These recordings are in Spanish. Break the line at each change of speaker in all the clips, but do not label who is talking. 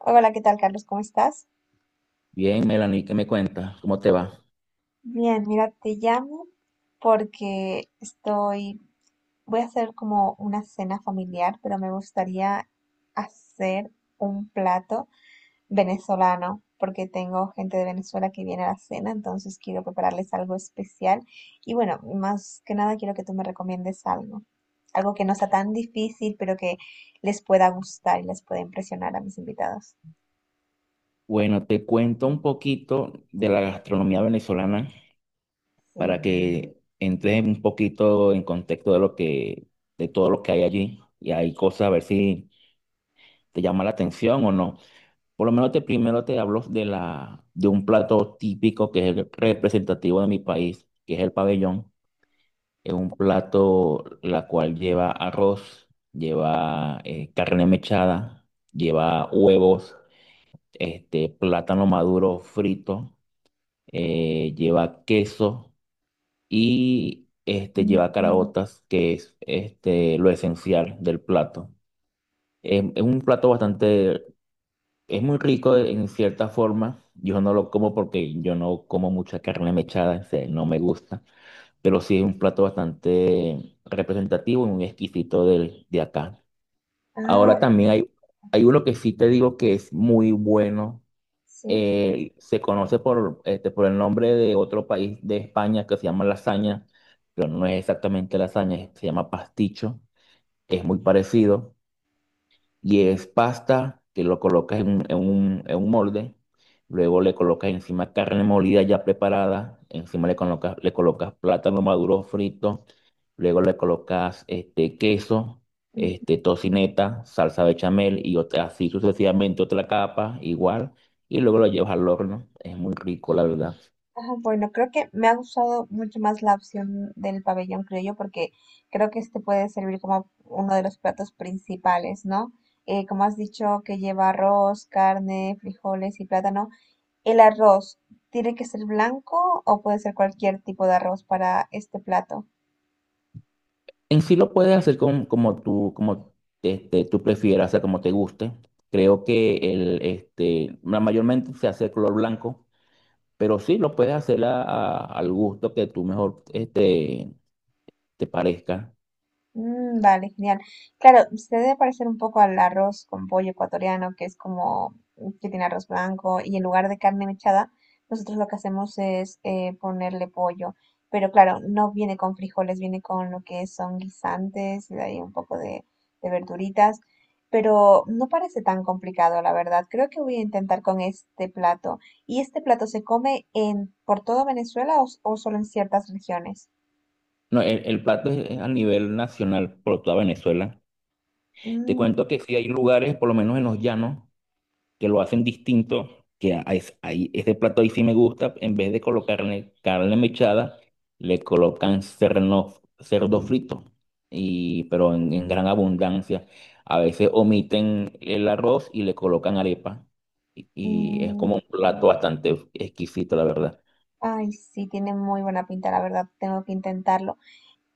Hola, ¿qué tal, Carlos? ¿Cómo estás?
Bien, Melanie, ¿qué me cuentas? ¿Cómo te va?
Bien, mira, te llamo porque estoy, voy a hacer como una cena familiar, pero me gustaría hacer un plato venezolano, porque tengo gente de Venezuela que viene a la cena, entonces quiero prepararles algo especial. Y bueno, más que nada quiero que tú me recomiendes algo, algo que no sea tan difícil, pero que les pueda gustar y les pueda impresionar a mis invitados.
Bueno, te cuento un poquito de la gastronomía venezolana para
Sí.
que entres un poquito en contexto de de todo lo que hay allí. Y hay cosas, a ver si te llama la atención o no. Por lo menos primero te hablo de de un plato típico que es el representativo de mi país, que es el pabellón. Es un plato la cual lleva arroz, lleva carne mechada, lleva huevos. Plátano maduro frito, lleva queso y lleva caraotas, que es lo esencial del plato. Es un plato es muy rico en cierta forma. Yo no lo como porque yo no como mucha carne mechada, o sea, no me gusta, pero sí es un plato bastante representativo y un exquisito de acá. Ahora
Ah,
también hay uno que sí te digo que es muy bueno,
sí.
se conoce por el nombre de otro país de España que se llama lasaña, pero no es exactamente lasaña, se llama pasticho, es muy parecido. Y es pasta que lo colocas en un molde, luego le colocas encima carne molida ya preparada, encima le colocas plátano maduro frito, luego le colocas este queso, este tocineta, salsa bechamel y otra, así sucesivamente otra capa igual, y luego lo llevas al horno. Es muy rico, la verdad.
Ajá, bueno, creo que me ha gustado mucho más la opción del pabellón criollo porque creo que este puede servir como uno de los platos principales, ¿no? Como has dicho, que lleva arroz, carne, frijoles y plátano. ¿El arroz tiene que ser blanco o puede ser cualquier tipo de arroz para este plato?
En sí lo puedes hacer como tú prefieras, o sea, como te guste. Creo que mayormente se hace de color blanco. Pero sí, lo puedes hacer al gusto que tú mejor te parezca.
Mm, vale, genial. Claro, se debe parecer un poco al arroz con pollo ecuatoriano, que es como mm, que tiene arroz blanco y en lugar de carne mechada, nosotros lo que hacemos es ponerle pollo. Pero claro, no viene con frijoles, viene con lo que son guisantes y de ahí un poco de verduritas. Pero no parece tan complicado, la verdad. Creo que voy a intentar con este plato. ¿Y este plato se come en por todo Venezuela o, s- o solo en ciertas regiones?
No, el plato es a nivel nacional por toda Venezuela. Te
Mm,
cuento que sí hay lugares, por lo menos en los llanos, que lo hacen distinto, que a- es- ahí, ese plato ahí sí me gusta. En vez de colocarle carne mechada, le colocan cerdo frito, y, pero en gran abundancia. A veces omiten el arroz y le colocan arepa, y es
mm,
como un plato bastante exquisito, la verdad.
ay, sí, tiene muy buena pinta, la verdad, tengo que intentarlo.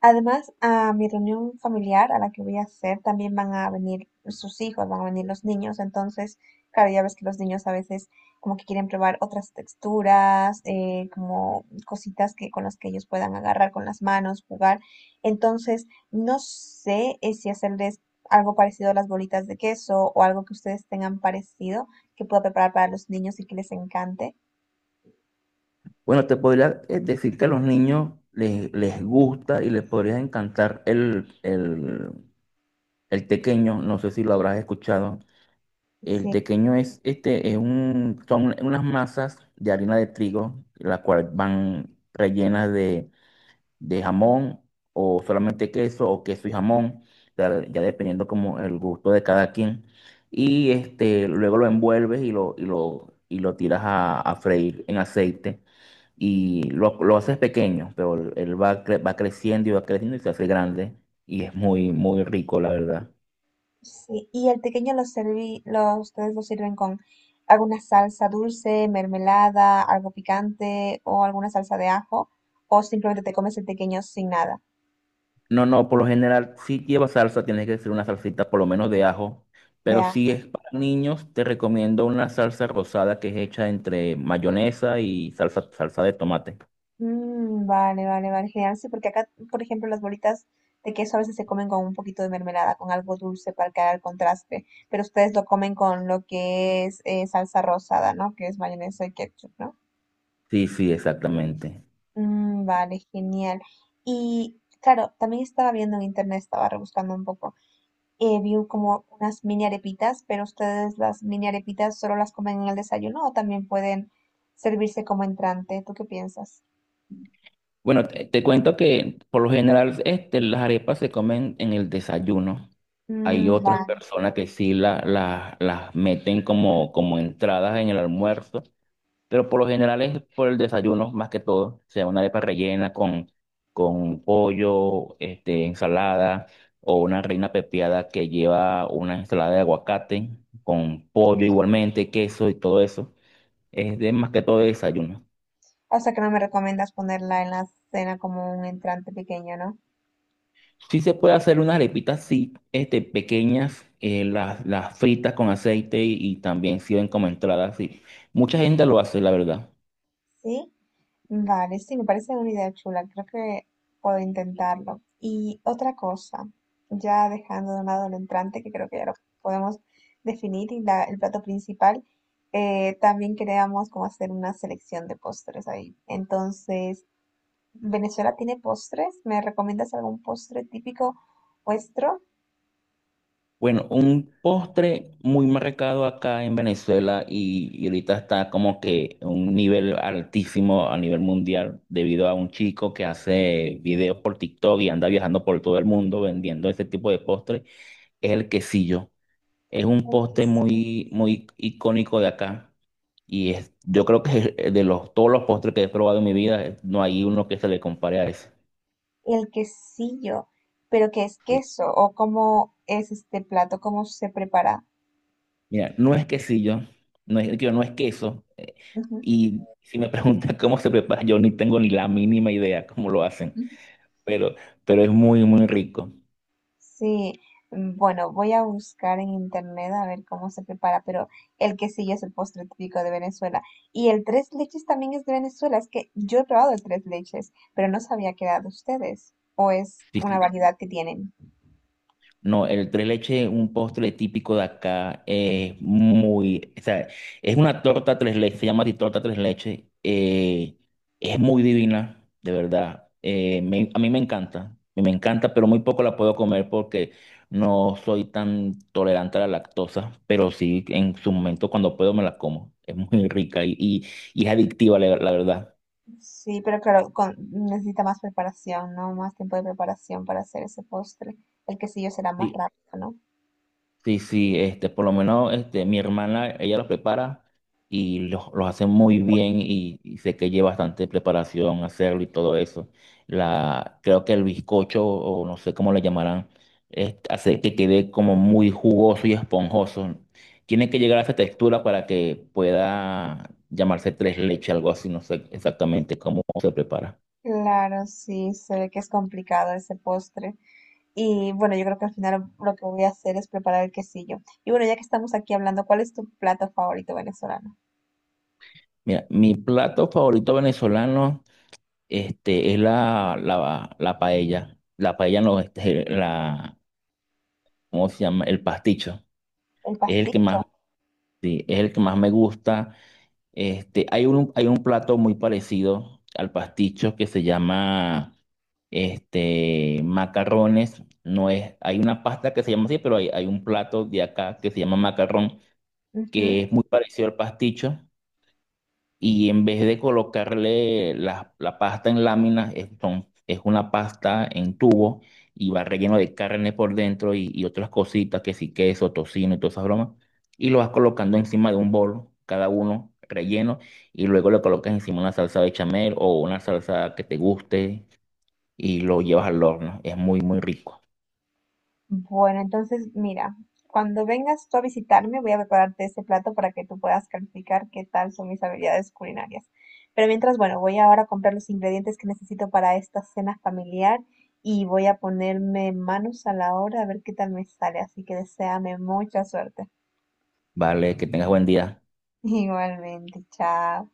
Además, a mi reunión familiar a la que voy a hacer también van a venir sus hijos, van a venir los niños, entonces, claro, ya ves que los niños a veces como que quieren probar otras texturas, como cositas que con las que ellos puedan agarrar con las manos, jugar. Entonces, no sé si hacerles algo parecido a las bolitas de queso o algo que ustedes tengan parecido que pueda preparar para los niños y que les encante.
Bueno, te podría, decir que a los niños les gusta y les podría encantar el tequeño, no sé si lo habrás escuchado. El
Sí.
tequeño es son unas masas de harina de trigo, las cuales van rellenas de jamón o solamente queso o queso y jamón, ya dependiendo como el gusto de cada quien. Y este, luego lo envuelves y lo tiras a freír en aceite lo haces pequeño, pero él va creciendo y se hace grande y es muy, muy rico, la verdad.
Sí, y el pequeño lo serví, lo, ustedes lo sirven con alguna salsa dulce, mermelada, algo picante o alguna salsa de ajo, o simplemente te comes el pequeño sin nada
No, no, por lo general, si lleva salsa, tienes que hacer una salsita por lo menos de ajo.
de
Pero si
ajo.
es para niños, te recomiendo una salsa rosada que es hecha entre mayonesa y salsa de tomate.
Mm, vale, vale, vale, genial. Sí, porque acá, por ejemplo, las bolitas de queso a veces se comen con un poquito de mermelada, con algo dulce para crear el contraste, pero ustedes lo comen con lo que es salsa rosada, ¿no? Que es mayonesa y ketchup, ¿no?
Sí, sí, exactamente.
Mm, vale, genial. Y claro, también estaba viendo en internet, estaba rebuscando un poco. Vi como unas mini arepitas, pero ustedes las mini arepitas solo las comen en el desayuno o también pueden servirse como entrante. ¿Tú qué piensas?
Bueno, te cuento que por lo general este, las arepas se comen en el desayuno.
Mm,
Hay
ujú,
otras
vale.
personas que sí las meten como, como entradas en el almuerzo. Pero por lo general es por el desayuno, más que todo. O sea, una arepa rellena con pollo, este, ensalada, o una reina pepiada que lleva una ensalada de aguacate, con pollo igualmente, queso y todo eso. Es de más que todo de desayuno.
O sea que no me recomiendas ponerla en la cena como un entrante pequeño, ¿no?
Sí se puede hacer unas arepitas, sí, este, pequeñas, las fritas con aceite y también sirven como entrada, sí. Mucha gente lo hace, la verdad.
Sí. Vale, sí, me parece una idea chula, creo que puedo intentarlo. Y otra cosa, ya dejando de un lado el entrante, que creo que ya lo podemos definir, y la- el plato principal, también queríamos como hacer una selección de postres ahí. Entonces, ¿Venezuela tiene postres? ¿Me recomiendas algún postre típico vuestro?
Bueno, un postre muy marcado acá en Venezuela y ahorita está como que un nivel altísimo a nivel mundial debido a un chico que hace videos por TikTok y anda viajando por todo el mundo vendiendo ese tipo de postre, es el quesillo. Es un
El
postre
quesillo.
muy, muy icónico de acá y es, yo creo que es de los, todos los postres que he probado en mi vida, no hay uno que se le compare a ese.
El quesillo, pero ¿qué es queso? ¿O cómo es este plato? ¿Cómo se prepara?
Mira, no es quesillo, no digo, no es queso. Y si me preguntan cómo se prepara, yo ni tengo ni la mínima idea cómo lo hacen,
Ujú.
pero, pero es muy, muy rico.
Sí, mm, bueno, voy a buscar en internet a ver cómo se prepara, pero el quesillo es el postre típico de Venezuela. Y el tres leches también es de Venezuela. Es que yo he probado el tres leches, pero no sabía que era de ustedes. O es
Sí,
una
sí.
variedad que tienen.
No, el tres leches es un postre típico de acá, es muy, o sea, es una torta tres leches, se llama así, torta tres leches, es muy divina, de verdad, a mí me encanta, pero muy poco la puedo comer porque no soy tan tolerante a la lactosa, pero sí, en su momento cuando puedo me la como, es muy rica y es adictiva, la verdad.
Sí, pero claro, con- necesita más preparación, ¿no? Más tiempo de preparación para hacer ese postre. El quesillo será más
Sí.
rápido, ¿no?
Sí, sí, este, por lo menos este, mi hermana, ella los prepara y los hace muy bien y sé que lleva bastante preparación hacerlo y todo eso. Creo que el bizcocho, o no sé cómo le llamarán, es- hace que quede como muy jugoso y esponjoso. Tiene que llegar a esa textura para que pueda llamarse tres leches, algo así, no sé exactamente cómo se prepara.
Claro, sí, se ve que es complicado ese postre. Y bueno, yo creo que al final lo que voy a hacer es preparar el quesillo. Y bueno, ya que estamos aquí hablando, ¿cuál es tu plato favorito venezolano?
Mira, mi plato favorito venezolano. Este, es la paella. La paella no, ¿cómo se llama? El pasticho.
El
Es el que más,
pasticho.
sí, es el que más me gusta. Este, hay un plato muy parecido al pasticho que se llama, este, macarrones. No es, hay una pasta que se llama así, pero hay un plato de acá que se llama macarrón,
Ujú.
que es muy parecido al pasticho. Y en vez de colocarle la pasta en láminas, es una pasta en tubo y va relleno de carne por dentro y otras cositas, que sí, queso, tocino y todas esas bromas, y lo vas colocando encima de un bol, cada uno relleno, y luego le colocas encima una salsa bechamel o una salsa que te guste y lo llevas al horno. Es muy, muy rico.
Bueno, entonces mira, cuando vengas tú a visitarme, voy a prepararte ese plato para que tú puedas calificar qué tal son mis habilidades culinarias. Pero mientras, bueno, voy ahora a comprar los ingredientes que necesito para esta cena familiar y voy a ponerme manos a la obra a ver qué tal me sale. Así que deséame mucha suerte.
Vale, que tengas buen día.
Igualmente, chao.